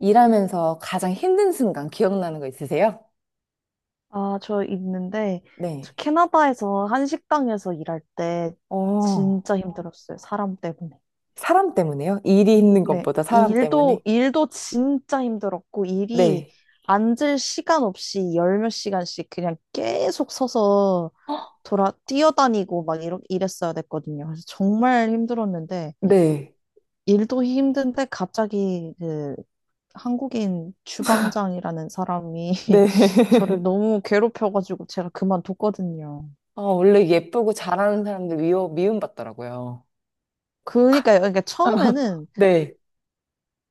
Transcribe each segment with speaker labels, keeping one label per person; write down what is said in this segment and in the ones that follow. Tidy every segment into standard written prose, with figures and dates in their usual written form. Speaker 1: 일하면서 가장 힘든 순간 기억나는 거 있으세요?
Speaker 2: 아, 저 있는데, 저
Speaker 1: 네.
Speaker 2: 캐나다에서 한 식당에서 일할 때
Speaker 1: 어,
Speaker 2: 진짜 힘들었어요. 사람 때문에.
Speaker 1: 사람 때문에요? 일이 힘든
Speaker 2: 네.
Speaker 1: 것보다 사람
Speaker 2: 일도,
Speaker 1: 때문에?
Speaker 2: 일도 진짜 힘들었고, 일이
Speaker 1: 네.
Speaker 2: 앉을 시간 없이 열몇 시간씩 그냥 계속 서서 뛰어다니고 막 이랬어야 됐거든요. 그래서 정말 힘들었는데,
Speaker 1: 네.
Speaker 2: 일도 힘든데 갑자기 그 한국인 주방장이라는 사람이
Speaker 1: 네.
Speaker 2: 저를 너무 괴롭혀가지고 제가 그만뒀거든요.
Speaker 1: 아, 원래 예쁘고 잘하는 사람들 미움받더라고요.
Speaker 2: 그러니까요. 그러니까 처음에는
Speaker 1: 네.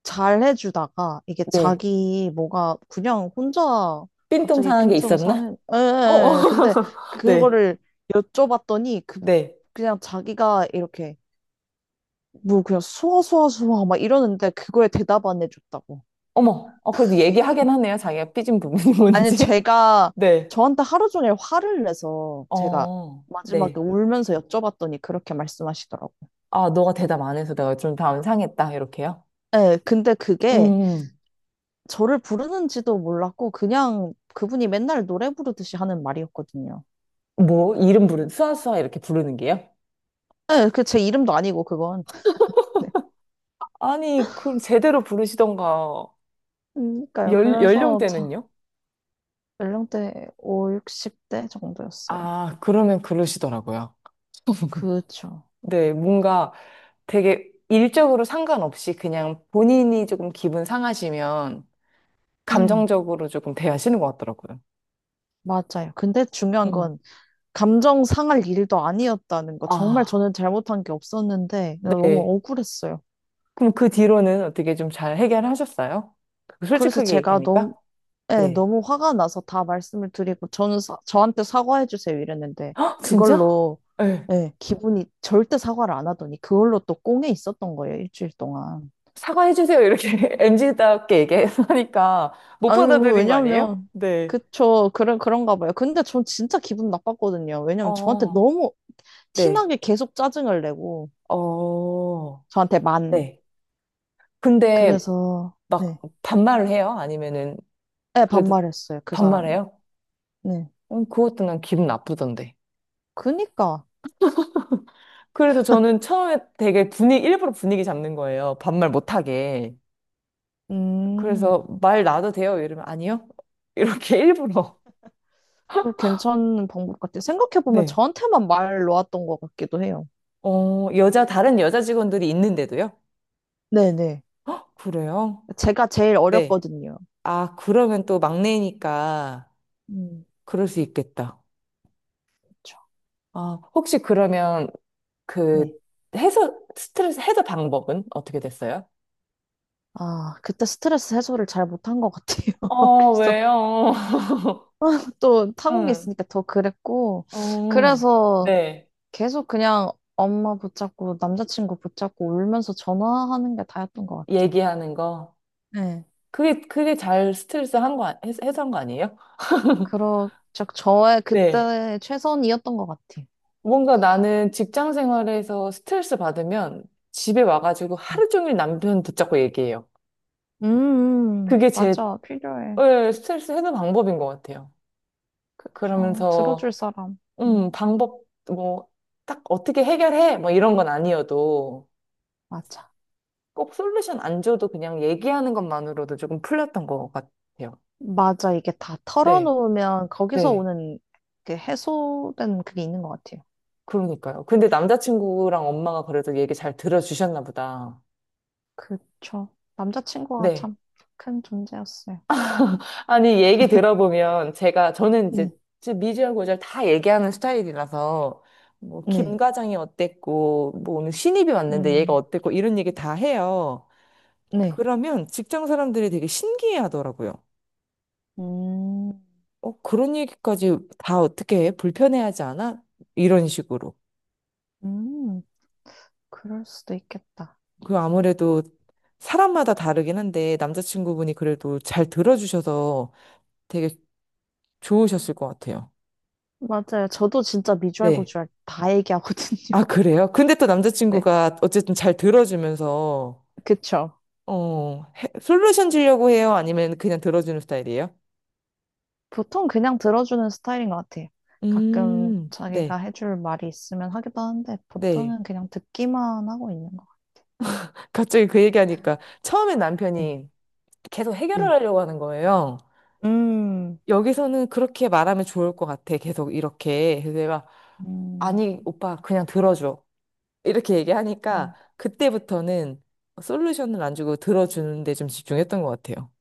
Speaker 2: 잘 해주다가 이게
Speaker 1: 네.
Speaker 2: 자기 뭐가 그냥 혼자
Speaker 1: 삔똥
Speaker 2: 갑자기
Speaker 1: 상한 게
Speaker 2: 핀트가 상해.
Speaker 1: 있었나?
Speaker 2: 에
Speaker 1: 어, 어.
Speaker 2: 에에. 근데
Speaker 1: 네.
Speaker 2: 그거를 여쭤봤더니 그
Speaker 1: 네.
Speaker 2: 그냥 자기가 이렇게 뭐 그냥 수아 수아 수아 막 이러는데 그거에 대답 안 해줬다고.
Speaker 1: 어머. 어, 그래도 얘기하긴 하네요. 자기가 삐진 부분이
Speaker 2: 아니
Speaker 1: 뭔지.
Speaker 2: 제가
Speaker 1: 네.
Speaker 2: 저한테 하루 종일 화를 내서 제가
Speaker 1: 어,
Speaker 2: 마지막에
Speaker 1: 네.
Speaker 2: 울면서 여쭤봤더니 그렇게 말씀하시더라고.
Speaker 1: 아, 너가 대답 안 해서 내가 좀 마음 상했다. 이렇게요?
Speaker 2: 예, 근데 그게
Speaker 1: 음.
Speaker 2: 저를 부르는지도 몰랐고 그냥 그분이 맨날 노래 부르듯이 하는 말이었거든요.
Speaker 1: 뭐, 이름 부는 수아수아 이렇게 부르는 게요?
Speaker 2: 네, 그 제 이름도 아니고 그건. 네.
Speaker 1: 아니, 그럼 제대로 부르시던가.
Speaker 2: 그러니까요.
Speaker 1: 연
Speaker 2: 그래서 자,
Speaker 1: 연령대는요?
Speaker 2: 연령대 5, 60대 정도였어요.
Speaker 1: 아, 그러면 그러시더라고요.
Speaker 2: 그쵸.
Speaker 1: 네, 뭔가 되게 일적으로 상관없이 그냥 본인이 조금 기분 상하시면
Speaker 2: 음,
Speaker 1: 감정적으로 조금 대하시는 것 같더라고요.
Speaker 2: 맞아요. 근데 중요한
Speaker 1: 음.
Speaker 2: 건 감정 상할 일도 아니었다는 거. 정말
Speaker 1: 아,
Speaker 2: 저는 잘못한 게 없었는데 너무
Speaker 1: 네.
Speaker 2: 억울했어요.
Speaker 1: 그럼 그 뒤로는 어떻게 좀 잘 해결하셨어요?
Speaker 2: 그래서
Speaker 1: 솔직하게
Speaker 2: 제가
Speaker 1: 얘기하니까?
Speaker 2: 너무 네,
Speaker 1: 네.
Speaker 2: 너무 화가 나서 다 말씀을 드리고, 저는 저한테 사과해 주세요 이랬는데,
Speaker 1: 헉, 진짜?
Speaker 2: 그걸로,
Speaker 1: 네.
Speaker 2: 네, 기분이 절대 사과를 안 하더니, 그걸로 또 꽁에 있었던 거예요, 일주일 동안.
Speaker 1: 사과해주세요. 이렇게 m 지답게 얘기하니까 못
Speaker 2: 아유,
Speaker 1: 받아들인 거 아니에요?
Speaker 2: 왜냐면,
Speaker 1: 네.
Speaker 2: 그쵸, 그런가 봐요. 근데 전 진짜 기분 나빴거든요. 왜냐면 저한테
Speaker 1: 어,
Speaker 2: 너무
Speaker 1: 네.
Speaker 2: 티나게 계속 짜증을 내고,
Speaker 1: 어,
Speaker 2: 저한테 만.
Speaker 1: 네. 근데
Speaker 2: 그래서, 네,
Speaker 1: 막 반말을 해요? 아니면은
Speaker 2: 네,
Speaker 1: 그래도
Speaker 2: 반말했어요, 그 사람이.
Speaker 1: 반말해요?
Speaker 2: 네.
Speaker 1: 그것도 난 기분 나쁘던데.
Speaker 2: 그니까,
Speaker 1: 그래서 저는 처음에 되게 분위기, 일부러 분위기 잡는 거예요. 반말 못하게. 그래서
Speaker 2: 음.
Speaker 1: 말 놔도 돼요? 이러면 아니요? 이렇게 일부러.
Speaker 2: 그 괜찮은 방법 같아요. 생각해보면
Speaker 1: 네.
Speaker 2: 저한테만 말 놓았던 것 같기도 해요.
Speaker 1: 어, 여자, 다른 여자 직원들이 있는데도요?
Speaker 2: 네네.
Speaker 1: 그래요?
Speaker 2: 제가 제일
Speaker 1: 네.
Speaker 2: 어렸거든요.
Speaker 1: 아, 그러면 또 막내니까
Speaker 2: 음,
Speaker 1: 그럴 수 있겠다.
Speaker 2: 그죠
Speaker 1: 아, 혹시 그러면 그
Speaker 2: 네.
Speaker 1: 해소, 스트레스 해소 방법은 어떻게 됐어요?
Speaker 2: 아, 그때 스트레스 해소를 잘 못한 것 같아요.
Speaker 1: 어,
Speaker 2: 그래서
Speaker 1: 왜요?
Speaker 2: 또 타국에
Speaker 1: 응.
Speaker 2: 있으니까 더 그랬고,
Speaker 1: 어,
Speaker 2: 그래서
Speaker 1: 네.
Speaker 2: 계속 그냥 엄마 붙잡고 남자친구 붙잡고 울면서 전화하는 게 다였던 것 같아요.
Speaker 1: 얘기하는 거.
Speaker 2: 네.
Speaker 1: 그게 잘 스트레스 한 거, 해소한 거 아니에요?
Speaker 2: 그러, 저의
Speaker 1: 네.
Speaker 2: 그때 최선이었던 것 같아요.
Speaker 1: 뭔가 나는 직장 생활에서 스트레스 받으면 집에 와가지고
Speaker 2: 음,
Speaker 1: 하루 종일 남편 붙잡고 얘기해요.
Speaker 2: 음,
Speaker 1: 그게 제
Speaker 2: 맞아. 필요해.
Speaker 1: 예, 스트레스 해소 방법인 것 같아요.
Speaker 2: 그죠. 들어줄
Speaker 1: 그러면서
Speaker 2: 사람. 음,
Speaker 1: 방법, 뭐, 딱 어떻게 해결해? 뭐 이런 건 아니어도
Speaker 2: 맞아.
Speaker 1: 꼭 솔루션 안 줘도 그냥 얘기하는 것만으로도 조금 풀렸던 것 같아요.
Speaker 2: 맞아. 이게 다
Speaker 1: 네,
Speaker 2: 털어놓으면 거기서
Speaker 1: 네.
Speaker 2: 오는 그 해소된 그게 있는 것 같아요.
Speaker 1: 그러니까요. 근데 남자친구랑 엄마가 그래도 얘기 잘 들어주셨나 보다.
Speaker 2: 그쵸. 남자친구가
Speaker 1: 네.
Speaker 2: 참 큰 존재였어요.
Speaker 1: 아니, 얘기 들어보면 제가, 저는 이제
Speaker 2: 네.
Speaker 1: 지금 미주하고 잘 다 얘기하는 스타일이라서 뭐, 김
Speaker 2: 네.
Speaker 1: 과장이 어땠고, 뭐, 오늘 신입이 왔는데 얘가
Speaker 2: 음,
Speaker 1: 어땠고, 이런 얘기 다 해요.
Speaker 2: 네.
Speaker 1: 그러면 직장 사람들이 되게 신기해 하더라고요.
Speaker 2: 음,
Speaker 1: 어, 그런 얘기까지 다 어떻게 해? 불편해하지 않아? 이런 식으로.
Speaker 2: 음, 그럴 수도 있겠다.
Speaker 1: 그, 아무래도 사람마다 다르긴 한데 남자친구분이 그래도 잘 들어주셔서 되게 좋으셨을 것 같아요.
Speaker 2: 맞아요. 저도 진짜 미주알
Speaker 1: 네.
Speaker 2: 고주알 다 얘기하거든요.
Speaker 1: 아, 그래요? 근데 또
Speaker 2: 네.
Speaker 1: 남자친구가 어쨌든 잘 들어주면서
Speaker 2: 그쵸?
Speaker 1: 어, 솔루션 주려고 해요? 아니면 그냥 들어주는 스타일이에요?
Speaker 2: 보통 그냥 들어주는 스타일인 것 같아요. 가끔 자기가
Speaker 1: 네.
Speaker 2: 해줄 말이 있으면 하기도 하는데
Speaker 1: 네.
Speaker 2: 보통은 그냥 듣기만 하고 있는 것
Speaker 1: 갑자기 그 얘기하니까 처음에 남편이 계속
Speaker 2: 같아요.
Speaker 1: 해결을
Speaker 2: 네,
Speaker 1: 하려고 하는 거예요.
Speaker 2: 네. 음,
Speaker 1: 여기서는 그렇게 말하면 좋을 것 같아. 계속 이렇게. 그래서 내가,
Speaker 2: 음,
Speaker 1: 아니, 오빠, 그냥 들어줘. 이렇게 얘기하니까,
Speaker 2: 음,
Speaker 1: 그때부터는 솔루션을 안 주고 들어주는데 좀 집중했던 것 같아요.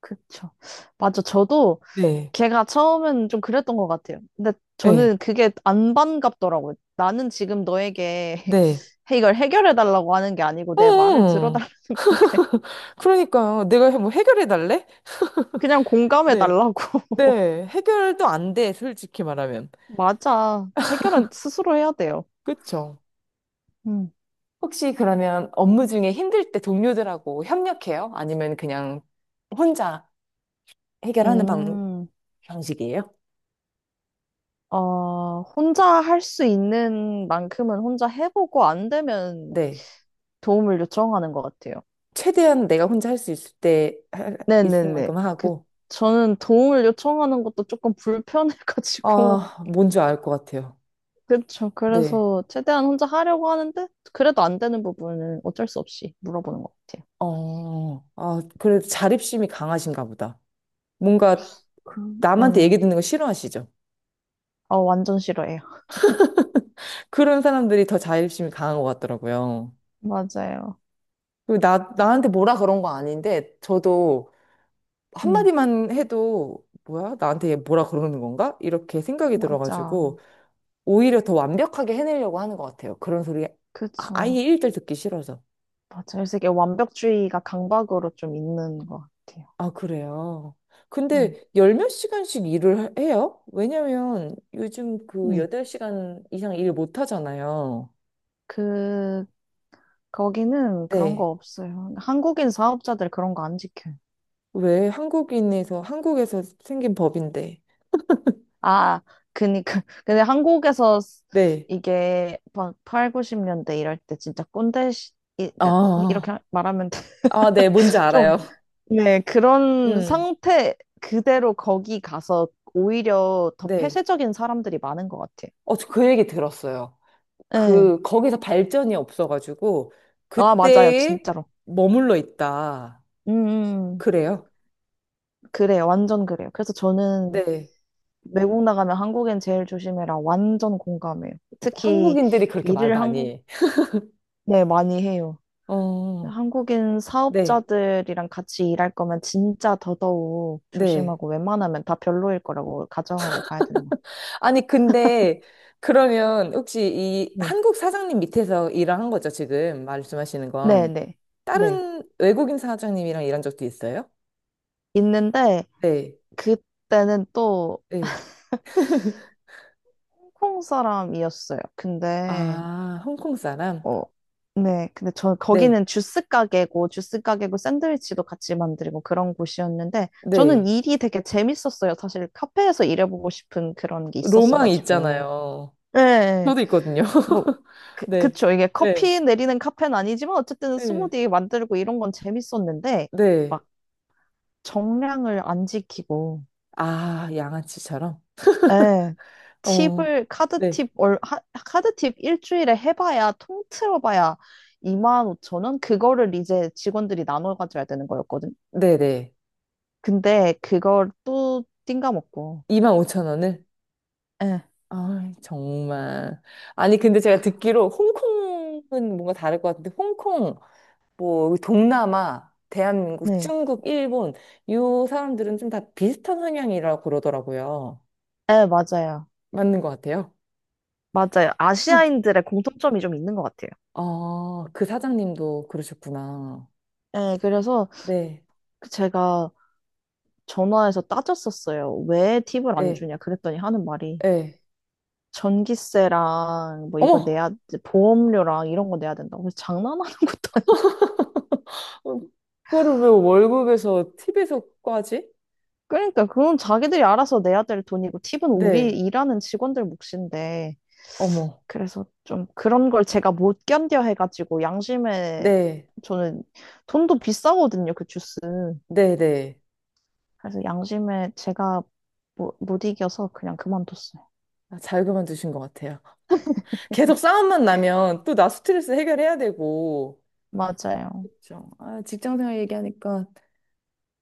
Speaker 2: 그쵸. 맞아. 저도
Speaker 1: 네,
Speaker 2: 걔가 처음엔 좀 그랬던 것 같아요. 근데
Speaker 1: 네,
Speaker 2: 저는 그게 안 반갑더라고요. 나는 지금 너에게
Speaker 1: 네.
Speaker 2: 이걸 해결해 달라고 하는 게 아니고 내 말을
Speaker 1: 응,
Speaker 2: 들어달라는 건데
Speaker 1: 그러니까요. 내가 뭐 해결해 달래?
Speaker 2: 그냥 공감해
Speaker 1: 네,
Speaker 2: 달라고.
Speaker 1: 네. 해결도 안 돼, 솔직히 말하면.
Speaker 2: 맞아. 해결은 스스로 해야 돼요.
Speaker 1: 그쵸?
Speaker 2: 음.
Speaker 1: 혹시 그러면 업무 중에 힘들 때 동료들하고 협력해요? 아니면 그냥 혼자 해결하는
Speaker 2: 음.
Speaker 1: 방식이에요?
Speaker 2: 어, 혼자 할 수 있는 만큼은 혼자 해보고 안 되면
Speaker 1: 네.
Speaker 2: 도움을 요청하는 것 같아요.
Speaker 1: 최대한 내가 혼자 할 수 있을 때, 있을
Speaker 2: 네네네.
Speaker 1: 만큼
Speaker 2: 그,
Speaker 1: 하고,
Speaker 2: 저는 도움을 요청하는 것도 조금 불편해가지고.
Speaker 1: 아, 뭔지 알 것 같아요.
Speaker 2: 그쵸.
Speaker 1: 네.
Speaker 2: 그래서 최대한 혼자 하려고 하는데, 그래도 안 되는 부분은 어쩔 수 없이 물어보는 것 같아요.
Speaker 1: 어, 아, 그래도 자립심이 강하신가 보다. 뭔가
Speaker 2: 그, 네.
Speaker 1: 남한테 얘기 듣는 거 싫어하시죠?
Speaker 2: 아, 완전 싫어해요.
Speaker 1: 그런 사람들이 더 자립심이 강한 것 같더라고요.
Speaker 2: 맞아요.
Speaker 1: 그리고 나한테 뭐라 그런 거 아닌데, 저도
Speaker 2: 음,
Speaker 1: 한마디만 해도, 뭐야? 나한테 얘 뭐라 그러는 건가? 이렇게 생각이
Speaker 2: 맞아.
Speaker 1: 들어가지고, 오히려 더 완벽하게 해내려고 하는 것 같아요. 그런 소리, 아예
Speaker 2: 그쵸.
Speaker 1: 일절 듣기 싫어서.
Speaker 2: 맞아요. 그래서 이게 완벽주의가 강박으로 좀 있는 것 같아요.
Speaker 1: 아, 그래요. 근데
Speaker 2: 음,
Speaker 1: 열 몇 시간씩 일을 해요? 왜냐면 요즘 그
Speaker 2: 네.
Speaker 1: 8시간 이상 일 못 하잖아요.
Speaker 2: 그, 거기는 그런
Speaker 1: 네.
Speaker 2: 거 없어요. 한국인 사업자들 그런 거 안 지켜요.
Speaker 1: 왜 한국에서 생긴 법인데.
Speaker 2: 아, 그니까. 근데 한국에서
Speaker 1: 네.
Speaker 2: 이게 막 8, 90년대 이럴 때 진짜 꼰대, 시, 그러니까
Speaker 1: 아,
Speaker 2: 이렇게 말하면
Speaker 1: 아, 네, 뭔지
Speaker 2: 좀,
Speaker 1: 알아요.
Speaker 2: 네, 그런
Speaker 1: 음,
Speaker 2: 상태 그대로 거기 가서 오히려 더
Speaker 1: 네.
Speaker 2: 폐쇄적인 사람들이 많은 것 같아요.
Speaker 1: 어, 저 그 얘기 들었어요.
Speaker 2: 네.
Speaker 1: 그, 거기서 발전이 없어가지고,
Speaker 2: 아, 맞아요.
Speaker 1: 그때에
Speaker 2: 진짜로.
Speaker 1: 머물러 있다.
Speaker 2: 음.
Speaker 1: 그래요?
Speaker 2: 그래요. 완전 그래요. 그래서 저는
Speaker 1: 네.
Speaker 2: 외국 나가면 한국엔 제일 조심해라. 완전 공감해요. 특히
Speaker 1: 한국인들이 그렇게 말
Speaker 2: 일을
Speaker 1: 많이
Speaker 2: 한국,
Speaker 1: 해.
Speaker 2: 네, 많이 해요.
Speaker 1: 어,
Speaker 2: 한국인
Speaker 1: 네,
Speaker 2: 사업자들이랑 같이 일할 거면 진짜 더더욱
Speaker 1: 네.
Speaker 2: 조심하고 웬만하면 다 별로일 거라고 가정하고 가야 되는 것 같아요.
Speaker 1: 아니, 근데 그러면 혹시 이
Speaker 2: 네.
Speaker 1: 한국 사장님 밑에서 일을 한 거죠, 지금 말씀하시는
Speaker 2: 네,
Speaker 1: 건?
Speaker 2: 네. 네.
Speaker 1: 다른 외국인 사장님이랑 일한 적도 있어요?
Speaker 2: 있는데
Speaker 1: 네,
Speaker 2: 그때는 또
Speaker 1: 네.
Speaker 2: 홍콩 사람이었어요. 근데
Speaker 1: 아, 홍콩 사람?
Speaker 2: 어, 네. 근데 저
Speaker 1: 네,
Speaker 2: 거기는 주스 가게고 샌드위치도 같이 만들고 그런 곳이었는데 저는
Speaker 1: 네.
Speaker 2: 일이 되게 재밌었어요. 사실 카페에서 일해보고 싶은 그런 게
Speaker 1: 로망
Speaker 2: 있었어가지고.
Speaker 1: 있잖아요.
Speaker 2: 네.
Speaker 1: 저도 있거든요.
Speaker 2: 뭐
Speaker 1: 네,
Speaker 2: 그쵸. 이게
Speaker 1: 네,
Speaker 2: 커피 내리는 카페는 아니지만 어쨌든
Speaker 1: 네,
Speaker 2: 스무디 만들고 이런 건 재밌었는데
Speaker 1: 네.
Speaker 2: 막 정량을 안 지키고
Speaker 1: 아, 양아치처럼?
Speaker 2: 예.
Speaker 1: 어,
Speaker 2: 팁을 카드
Speaker 1: 네,
Speaker 2: 팁 얼, 하, 카드 팁 일주일에 해봐야 통틀어봐야 2만 5천 원 그거를 이제 직원들이 나눠 가져야 되는 거였거든.
Speaker 1: 네, 네.
Speaker 2: 근데 그걸 또 띵가먹고.
Speaker 1: 25,000원을?
Speaker 2: 예.
Speaker 1: 아, 정말. 아니, 근데 제가
Speaker 2: 그-
Speaker 1: 듣기로 홍콩은 뭔가 다를 것 같은데, 홍콩, 뭐, 동남아, 대한민국,
Speaker 2: 네.
Speaker 1: 중국, 일본, 이 사람들은 좀 다 비슷한 성향이라고 그러더라고요.
Speaker 2: 예, 맞아요.
Speaker 1: 맞는 것 같아요.
Speaker 2: 맞아요. 아시아인들의 공통점이 좀 있는 것 같아요.
Speaker 1: 아, 그 사장님도 그러셨구나.
Speaker 2: 예, 그래서
Speaker 1: 네,
Speaker 2: 그 제가 전화해서 따졌었어요. 왜 팁을 안
Speaker 1: 네,
Speaker 2: 주냐? 그랬더니 하는 말이
Speaker 1: 네.
Speaker 2: 전기세랑 뭐 이거
Speaker 1: 어머!
Speaker 2: 내야 보험료랑 이런 거 내야 된다고. 그래서 장난하는 것도
Speaker 1: 어, 그거를 왜 월급에서, 팁에서까지?
Speaker 2: 그러니까 그건 자기들이 알아서 내야 될 돈이고 팁은 우리
Speaker 1: 네,
Speaker 2: 일하는 직원들 몫인데
Speaker 1: 어머.
Speaker 2: 그래서 좀 그런 걸 제가 못 견뎌 해가지고 양심에
Speaker 1: 네,
Speaker 2: 저는 돈도 비싸거든요 그 주스
Speaker 1: 네, 네.
Speaker 2: 그래서 양심에 제가 뭐, 못 이겨서 그냥 그만뒀어요
Speaker 1: 아, 잘 그만두신 것 같아요. 계속 싸움만 나면 또 나 스트레스 해결해야 되고.
Speaker 2: 맞아요
Speaker 1: 그렇죠. 아, 직장 생활 얘기하니까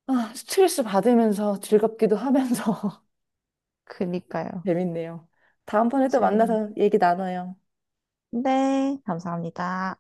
Speaker 1: 아, 스트레스 받으면서 즐겁기도 하면서
Speaker 2: 그니까요
Speaker 1: 재밌네요. 다음번에 또
Speaker 2: 재밌네
Speaker 1: 만나서 얘기 나눠요.
Speaker 2: 네 감사합니다